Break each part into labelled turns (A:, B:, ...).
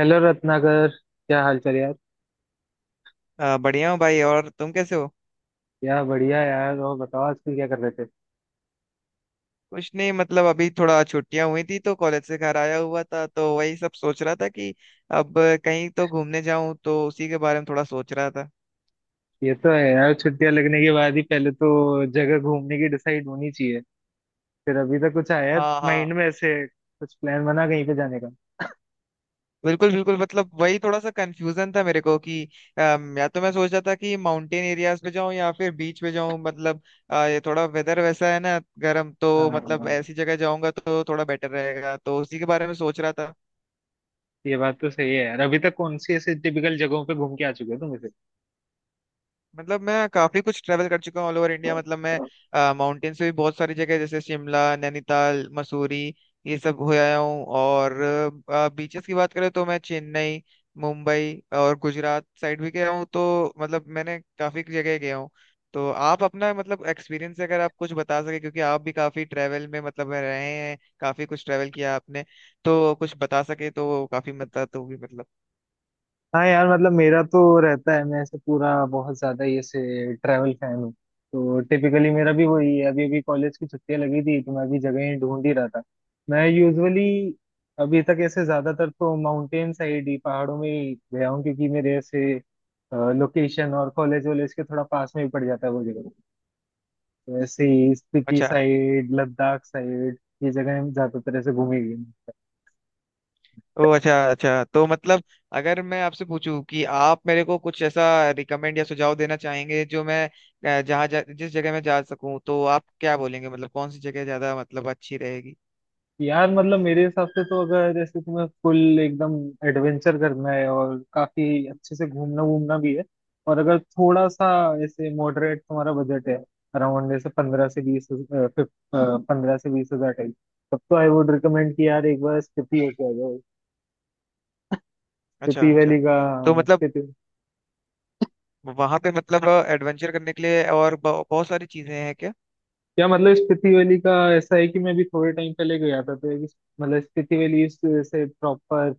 A: Hello Ratnakar, क्या हाल चाल यार।
B: बढ़िया हूँ भाई। और तुम कैसे हो?
A: यार बढ़िया यार। और बताओ आजकल क्या कर रहे थे।
B: कुछ नहीं, मतलब अभी थोड़ा छुट्टियां हुई थी तो कॉलेज से घर आया हुआ था, तो वही सब सोच रहा था कि अब कहीं तो घूमने जाऊं, तो उसी के बारे में थोड़ा सोच रहा था।
A: ये तो है यार, छुट्टियां लगने के बाद ही पहले तो जगह घूमने की डिसाइड होनी चाहिए। फिर अभी तक कुछ आया
B: हाँ
A: माइंड
B: हाँ।
A: में? ऐसे कुछ प्लान बना कहीं पे जाने का?
B: बिल्कुल बिल्कुल, मतलब वही थोड़ा सा कंफ्यूजन था मेरे को कि या तो मैं सोच रहा था कि माउंटेन एरियाज पे जाऊं या फिर बीच पे जाऊं। मतलब ये थोड़ा वेदर वैसा है ना गर्म,
A: हाँ
B: तो मतलब
A: हाँ,
B: ऐसी जगह जाऊंगा तो थोड़ा बेटर रहेगा, तो उसी के बारे में सोच रहा था।
A: ये बात तो सही है यार। अभी तक कौन सी ऐसे टिपिकल जगहों पे घूम के आ चुके हो तुम?
B: मतलब मैं काफी कुछ ट्रैवल कर चुका हूँ ऑल ओवर इंडिया। मतलब मैं माउंटेन से भी बहुत सारी जगह, जैसे शिमला, नैनीताल, मसूरी, ये सब हो आया हूँ। और बीचेस की बात करें तो मैं चेन्नई, मुंबई और गुजरात साइड भी गया हूँ, तो मतलब मैंने काफी जगह गया हूँ। तो आप अपना मतलब एक्सपीरियंस अगर आप कुछ बता सके, क्योंकि आप भी काफी ट्रैवल में मतलब में रहे हैं, काफी कुछ ट्रैवल किया आपने, तो कुछ बता सके तो काफी मदद होगी मतलब।
A: हाँ यार मतलब मेरा तो रहता है, मैं ऐसे पूरा बहुत ज्यादा ये से ट्रैवल फैन हूँ। तो टिपिकली मेरा भी वही है, अभी अभी कॉलेज की छुट्टियां लगी थी तो मैं भी जगह ढूंढ ही रहा था। मैं यूजुअली अभी तक ऐसे ज्यादातर तो माउंटेन साइड ही, पहाड़ों में ही गया हूँ, क्योंकि मेरे ऐसे लोकेशन और कॉलेज वॉलेज के थोड़ा पास में ही पड़ जाता है वो जगह। तो ऐसे ही स्पीति
B: अच्छा।
A: साइड, लद्दाख साइड, ये जगह ज्यादातर ऐसे घूमी गई।
B: ओ अच्छा अच्छा। तो मतलब अगर मैं आपसे पूछूं कि आप मेरे को कुछ ऐसा रिकमेंड या सुझाव देना चाहेंगे जो मैं जिस जगह मैं जा सकूं, तो आप क्या बोलेंगे? मतलब कौन सी जगह ज्यादा मतलब अच्छी रहेगी?
A: यार मतलब मेरे हिसाब से तो अगर जैसे तुम्हें फुल एकदम एडवेंचर करना है और काफी अच्छे से घूमना वूमना भी है, और अगर थोड़ा सा ऐसे मॉडरेट तुम्हारा बजट है, अराउंड जैसे 15 से 20 हजार टाइप, तब तो आई वुड रिकमेंड कि यार एक बार स्पीति होके आ जाओ।
B: अच्छा
A: स्पीति
B: अच्छा।
A: वैली का।
B: तो मतलब
A: स्पीति।
B: वहां पे मतलब एडवेंचर करने के लिए और बहुत सारी चीजें हैं क्या?
A: या मतलब स्पीति वैली का ऐसा है कि मैं भी थोड़े टाइम पहले गया था तो मतलब से प्रॉपर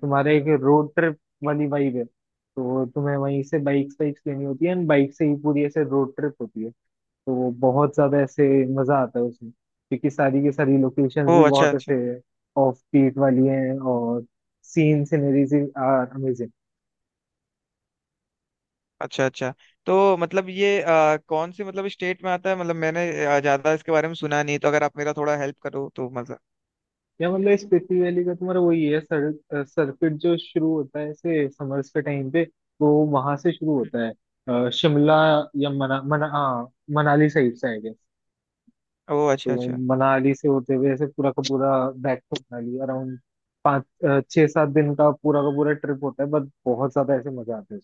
A: तुम्हारे एक रोड ट्रिप वाली वाइब है। तो तुम्हें वहीं से बाइक्स लेनी होती है एंड बाइक से ही पूरी ऐसे रोड ट्रिप होती है। तो वो बहुत ज्यादा ऐसे मजा आता है उसमें, क्योंकि सारी की सारी लोकेशंस
B: ओ
A: भी
B: अच्छा
A: बहुत ऐसे
B: अच्छा।
A: ऑफ बीट वाली हैं और सीन सिनरीज आर।
B: अच्छा अच्छा। तो मतलब ये कौन से मतलब स्टेट में आता है? मतलब मैंने ज्यादा इसके बारे में सुना नहीं, तो अगर आप मेरा थोड़ा हेल्प करो तो मजा।
A: या मतलब इस स्पीति वैली का तुम्हारा वही है, सर सर्किट जो शुरू होता है ऐसे समर्स के टाइम पे, वो वहां से शुरू
B: हम्म।
A: होता है। शिमला या मना मना हाँ, मनाली साइड से आई गेस।
B: ओ
A: तो
B: अच्छा अच्छा।
A: मनाली से होते हुए ऐसे पूरा का पूरा बैक टू मनाली, अराउंड पाँच छः सात दिन का पूरा ट्रिप होता है, बट बहुत ज्यादा ऐसे मजा आता है।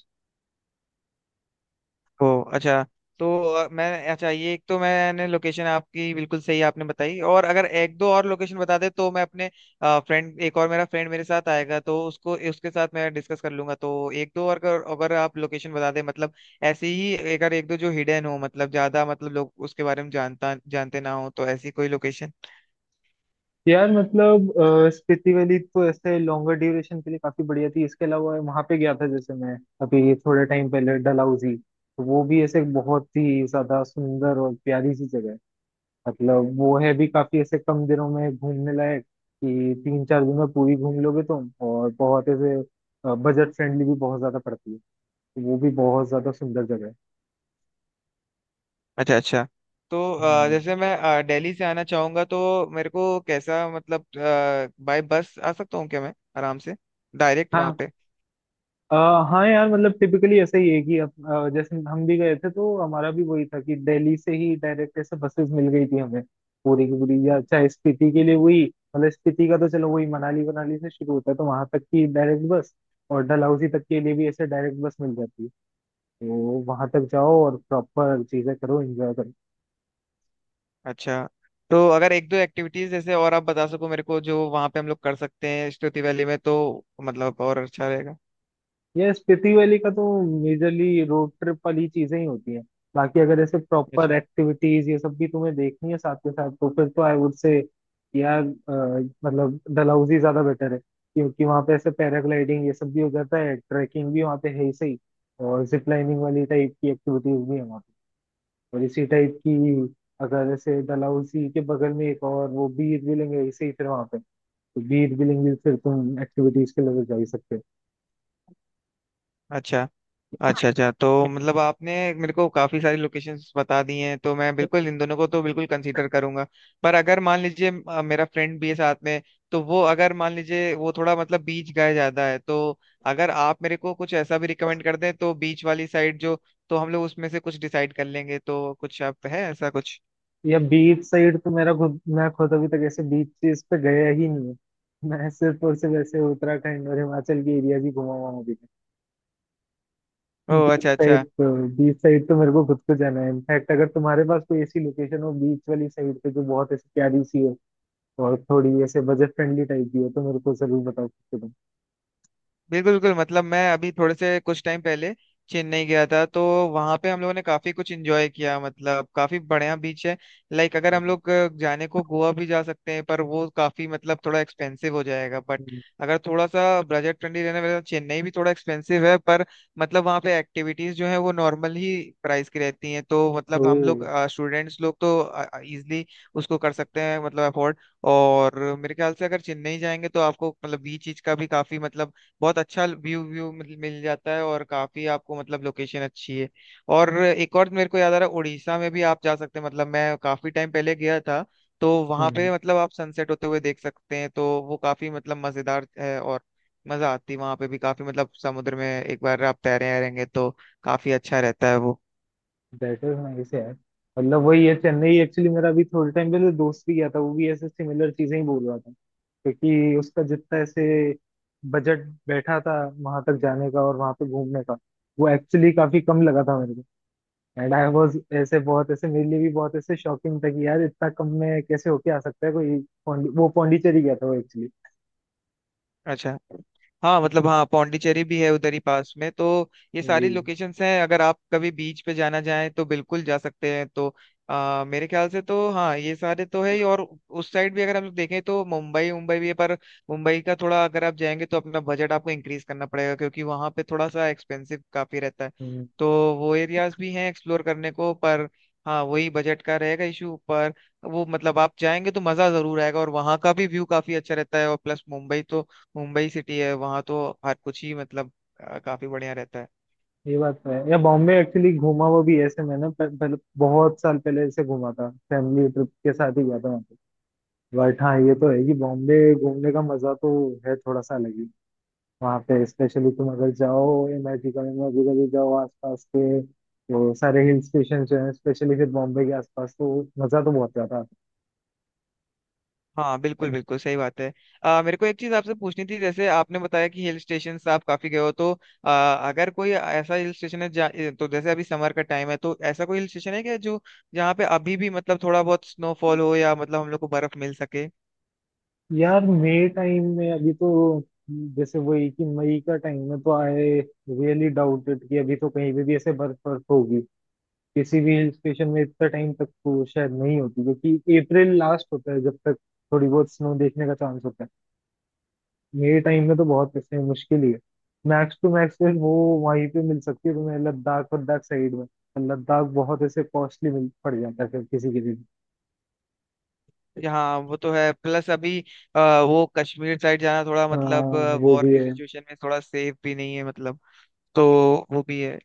B: ओ अच्छा। तो मैं अच्छा ये एक तो मैंने लोकेशन आपकी बिल्कुल सही आपने बताई, और अगर एक दो और लोकेशन बता दे तो मैं अपने फ्रेंड एक और मेरा फ्रेंड मेरे साथ आएगा तो उसको उसके साथ मैं डिस्कस कर लूंगा। तो एक दो और अगर, आप लोकेशन बता दे मतलब ऐसी ही, अगर एक दो जो हिडन हो, मतलब ज्यादा मतलब लोग उसके बारे में जानता जानते ना हो, तो ऐसी कोई लोकेशन।
A: यार मतलब स्पीति वैली तो ऐसे लॉन्गर ड्यूरेशन के लिए काफी बढ़िया थी। इसके अलावा वहां पे गया था जैसे मैं अभी थोड़े टाइम पहले डलहौजी, तो वो भी ऐसे बहुत ही ज्यादा सुंदर और प्यारी सी जगह है। मतलब वो है भी काफी ऐसे कम दिनों में घूमने लायक कि 3 4 दिन में पूरी घूम लोगे तुम। और बहुत ऐसे बजट फ्रेंडली भी बहुत ज्यादा पड़ती है, तो वो भी बहुत ज्यादा सुंदर जगह है।
B: अच्छा अच्छा। तो
A: हम्म।
B: जैसे मैं दिल्ली से आना चाहूंगा तो मेरे को कैसा मतलब बाय बस आ सकता हूँ क्या मैं आराम से डायरेक्ट वहां
A: हाँ।
B: पे?
A: अ, हाँ यार मतलब टिपिकली ऐसा ही है कि जैसे हम भी गए थे तो हमारा भी वही था कि दिल्ली से ही डायरेक्ट ऐसे बसेस मिल गई थी हमें पूरी की पूरी। या चाहे स्पीति के लिए वही, मतलब स्पीति का तो चलो वही मनाली मनाली से शुरू होता है तो वहां तक की डायरेक्ट बस, और डलहौजी तक के लिए भी ऐसे डायरेक्ट बस मिल जाती है। तो वहां तक जाओ और प्रॉपर चीजें करो, एंजॉय करो।
B: अच्छा। तो अगर एक दो एक्टिविटीज जैसे और आप बता सको मेरे को, जो वहां पे हम लोग कर सकते हैं स्तुति वैली में, तो मतलब और अच्छा रहेगा।
A: ये स्पीति वैली का तो मेजरली रोड ट्रिप वाली चीजें ही होती हैं। बाकी अगर ऐसे प्रॉपर
B: अच्छा
A: एक्टिविटीज ये सब भी तुम्हें देखनी है साथ के साथ, तो फिर तो आई वुड से यार, मतलब डलहौजी ज्यादा बेटर है, क्योंकि वहाँ पे ऐसे पैराग्लाइडिंग ये सब भी हो जाता है, ट्रैकिंग भी वहाँ पे है ही सही, और जिप लाइनिंग वाली टाइप की एक्टिविटीज भी है वहाँ पे। और इसी टाइप की, अगर ऐसे डलहौजी के बगल में एक और वो बीर बिलिंग है इसे ही फिर वहाँ पे, तो बीर बिलिंग भी फिर तुम एक्टिविटीज के लिए जा ही सकते हो।
B: अच्छा। अच्छा अच्छा। तो मतलब आपने मेरे को काफी सारी लोकेशंस बता दी हैं, तो मैं बिल्कुल इन दोनों को तो बिल्कुल कंसीडर करूंगा। पर अगर मान लीजिए मेरा फ्रेंड भी है साथ में, तो वो अगर मान लीजिए वो थोड़ा मतलब बीच गए ज्यादा है, तो अगर आप मेरे को कुछ ऐसा भी रिकमेंड कर दें तो बीच वाली साइड जो, तो हम लोग उसमें से कुछ डिसाइड कर लेंगे। तो कुछ आप है ऐसा कुछ?
A: या बीच साइड तो मेरा खुद, मैं खुद अभी तक ऐसे बीच चीज पे गया ही नहीं है। मैं सिर्फ और सिर्फ ऐसे उत्तराखंड और हिमाचल की एरिया ही घुमा हुआ हूँ अभी तक।
B: ओ अच्छा अच्छा।
A: बीच साइड तो मेरे को खुद को जाना है। इनफैक्ट अगर तुम्हारे पास कोई ऐसी लोकेशन हो बीच वाली साइड पे जो बहुत ऐसी प्यारी सी हो और थोड़ी ऐसे बजट फ्रेंडली टाइप की हो, तो मेरे को जरूर बताओ तुम।
B: बिल्कुल बिल्कुल, मतलब मैं अभी थोड़े से कुछ टाइम पहले चेन्नई गया था, तो वहां पे हम लोगों ने काफी कुछ एंजॉय किया। मतलब काफी बढ़िया बीच है। लाइक अगर हम लोग जाने को गोवा भी जा सकते हैं, पर वो काफी मतलब थोड़ा एक्सपेंसिव हो जाएगा। बट अगर थोड़ा सा बजट फ्रेंडली रहने वाला, चेन्नई भी थोड़ा एक्सपेंसिव है, पर मतलब वहाँ पे एक्टिविटीज जो है वो नॉर्मल ही प्राइस की रहती हैं, तो मतलब हम लोग स्टूडेंट्स लोग तो इजिली उसको कर सकते हैं मतलब अफोर्ड। और मेरे ख्याल से अगर चेन्नई जाएंगे तो आपको मतलब बीच चीज का भी काफी मतलब बहुत अच्छा व्यू व्यू मिल मिल जाता है, और काफी आपको मतलब लोकेशन अच्छी है। और एक और मेरे को याद आ रहा है, उड़ीसा में भी आप जा सकते हैं। मतलब मैं काफी टाइम पहले गया था, तो
A: ओ
B: वहां पे मतलब आप सनसेट होते हुए देख सकते हैं, तो वो काफी मतलब मजेदार है। और मजा आती है वहां पे भी काफी, मतलब समुद्र में एक बार आप तैरे रहेंगे तो काफी अच्छा रहता है वो।
A: बेटर, नाइस यार। मतलब वही है, चेन्नई एक्चुअली मेरा अभी थोड़े टाइम पहले दोस्त भी गया था, वो भी ऐसे सिमिलर चीजें ही बोल रहा था, क्योंकि उसका जितना ऐसे बजट बैठा था वहां तक जाने का और वहां पे घूमने का, वो एक्चुअली काफी कम लगा था मेरे को। एंड आई वाज ऐसे बहुत ऐसे, मेरे लिए भी बहुत ऐसे शॉकिंग था कि यार इतना कम में कैसे होके आ सकता है कोई। वो पौंडीचेरी गया था वो एक्चुअली।
B: अच्छा। हाँ मतलब हाँ, पौंडीचेरी भी है उधर ही पास में, तो ये
A: वही।
B: सारी लोकेशंस हैं। अगर आप कभी बीच पे जाना चाहें तो बिल्कुल जा सकते हैं। तो मेरे ख्याल से तो हाँ ये सारे तो है ही। और उस साइड भी अगर हम लोग देखें तो मुंबई मुंबई भी है, पर मुंबई का थोड़ा अगर आप जाएंगे तो अपना बजट आपको इंक्रीज करना पड़ेगा, क्योंकि वहाँ पे थोड़ा सा एक्सपेंसिव काफी रहता है।
A: हम्म,
B: तो वो एरियाज भी हैं एक्सप्लोर करने को, पर हाँ वही बजट का रहेगा इशू। पर वो मतलब आप जाएंगे तो मजा जरूर आएगा, और वहाँ का भी व्यू काफी अच्छा रहता है। और प्लस मुंबई तो मुंबई सिटी है, वहां तो हर कुछ ही मतलब काफी बढ़िया रहता है।
A: ये बात तो है। या बॉम्बे एक्चुअली घूमा हुआ भी है ऐसे मैंने, पर बहुत साल पहले ऐसे घूमा था, फैमिली ट्रिप के साथ ही गया था। बट हाँ ये तो है कि बॉम्बे घूमने का मजा तो है थोड़ा सा अलग ही। वहाँ पे स्पेशली तुम अगर जाओ, इमेजिकल में भी कभी जाओ, आसपास के वो सारे हिल स्टेशन जो है स्पेशली फिर बॉम्बे के आसपास, तो मजा तो बहुत ज्यादा आता
B: हाँ बिल्कुल बिल्कुल सही बात है। मेरे को एक चीज आपसे पूछनी थी, जैसे आपने बताया कि हिल स्टेशन आप काफी गए हो, तो अगर कोई ऐसा हिल स्टेशन है तो जैसे अभी समर का टाइम है, तो ऐसा कोई हिल स्टेशन है क्या जो जहाँ पे अभी भी मतलब थोड़ा बहुत स्नोफॉल हो या मतलब हम लोग को बर्फ मिल सके?
A: है। यार मई टाइम में अभी तो, जैसे वही कि मई का टाइम में तो आई रियली डाउटेड कि अभी तो कहीं पे भी ऐसे बर्फ बर्फ होगी किसी भी हिल स्टेशन में। इतना टाइम तक तो शायद नहीं होती, क्योंकि अप्रैल लास्ट होता है जब तक थोड़ी बहुत स्नो देखने का चांस होता है। मेरे टाइम में तो बहुत किस्से हैं, मुश्किल ही है। मैक्स टू मैक्स फिर वो वहीं पे मिल सकती है तुम्हें, लद्दाख वद्दाख साइड में। पर लद्दाख बहुत ऐसे कॉस्टली मिल पड़ जाता है फिर किसी के लिए।
B: यहाँ वो तो है। प्लस अभी अ, वो कश्मीर साइड जाना थोड़ा मतलब
A: हाँ वो
B: वॉर
A: भी
B: की
A: है।
B: सिचुएशन में थोड़ा सेफ भी नहीं है मतलब, तो वो भी है।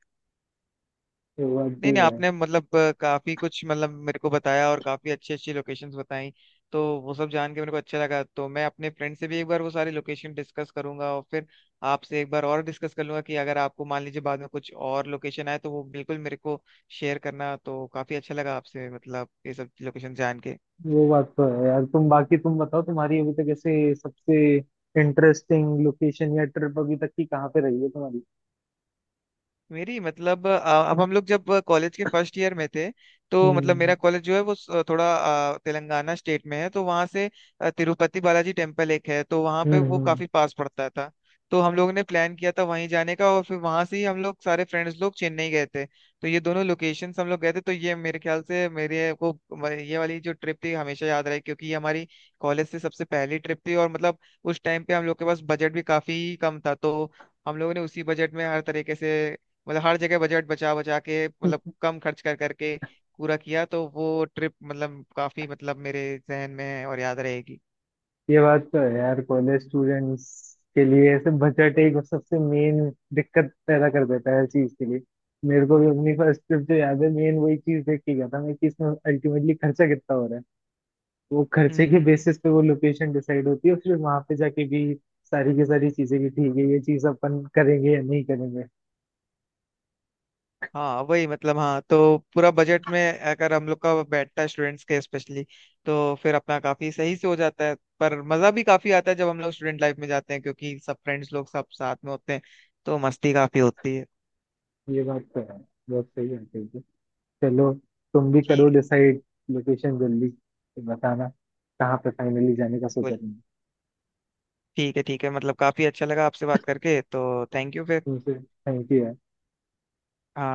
A: वो बात
B: नहीं
A: भी
B: नहीं,
A: है।
B: आपने मतलब काफी कुछ मतलब मेरे को बताया और काफी अच्छी अच्छी लोकेशंस बताई, तो वो सब जान के मेरे को अच्छा लगा। तो मैं अपने फ्रेंड से भी एक बार वो सारी लोकेशन डिस्कस करूंगा और फिर आपसे एक बार और डिस्कस कर लूंगा कि अगर आपको मान लीजिए बाद में कुछ और लोकेशन आए तो वो बिल्कुल मेरे को शेयर करना। तो काफी अच्छा लगा आपसे मतलब ये सब लोकेशन जान के।
A: वो बात तो है यार। तुम बाकी तुम बताओ, तुम्हारी अभी तक ऐसे सबसे इंटरेस्टिंग लोकेशन या ट्रिप अभी तक की कहाँ पे रही है तुम्हारी?
B: मेरी मतलब अब हम लोग जब कॉलेज के फर्स्ट ईयर में थे, तो मतलब
A: हम्म।
B: मेरा कॉलेज जो है वो थोड़ा तेलंगाना स्टेट में है, तो वहाँ से तिरुपति बालाजी टेम्पल एक है, तो वहाँ पे
A: हम्म।
B: वो
A: हम्म।
B: काफी पास पड़ता था। तो हम लोगों ने प्लान किया था वहीं जाने का, और फिर वहां से ही हम लोग सारे फ्रेंड्स लोग चेन्नई गए थे। तो ये दोनों लोकेशंस हम लोग गए थे, तो ये मेरे ख्याल से मेरे को ये वाली जो ट्रिप थी हमेशा याद रहे, क्योंकि ये हमारी कॉलेज से सबसे पहली ट्रिप थी। और मतलब उस टाइम पे हम लोग के पास बजट भी काफी कम था, तो हम लोगों ने उसी बजट में हर तरीके से मतलब हर जगह बजट बचा बचा के मतलब कम खर्च कर करके पूरा किया। तो वो ट्रिप मतलब काफी मतलब मेरे जहन में है और याद रहेगी।
A: ये बात तो है यार, कॉलेज स्टूडेंट्स के लिए ऐसे बजट एक सबसे मेन दिक्कत पैदा कर देता है हर चीज के लिए। मेरे को भी अपनी फर्स्ट ट्रिप जो याद है, मेन वही चीज देख के गया था मैं कि इसमें अल्टीमेटली खर्चा कितना हो रहा है। वो खर्चे के
B: हम्म।
A: बेसिस पे वो लोकेशन डिसाइड होती है, फिर वहां पे जाके भी सारी की सारी चीजें की ठीक है, ये चीज अपन करेंगे या नहीं करेंगे।
B: हाँ वही मतलब हाँ, तो पूरा बजट में अगर हम लोग का बैठता है स्टूडेंट्स के स्पेशली, तो फिर अपना काफी सही से हो जाता है। पर मजा भी काफी आता है जब हम लोग स्टूडेंट लाइफ में जाते हैं, क्योंकि सब फ्रेंड्स लोग सब साथ में होते हैं, तो मस्ती काफी होती है।
A: ये बात तो है। बहुत सही बात है ये। चलो, तुम भी करो
B: ठीक।
A: डिसाइड लोकेशन जल्दी, फिर बताना कहाँ पे फाइनली जाने का सोचा
B: बिल्कुल।
A: तुमने।
B: ठीक है ठीक है, मतलब काफी अच्छा लगा आपसे बात करके, तो थैंक यू फिर।
A: तुमसे थैंक यू।
B: हाँ।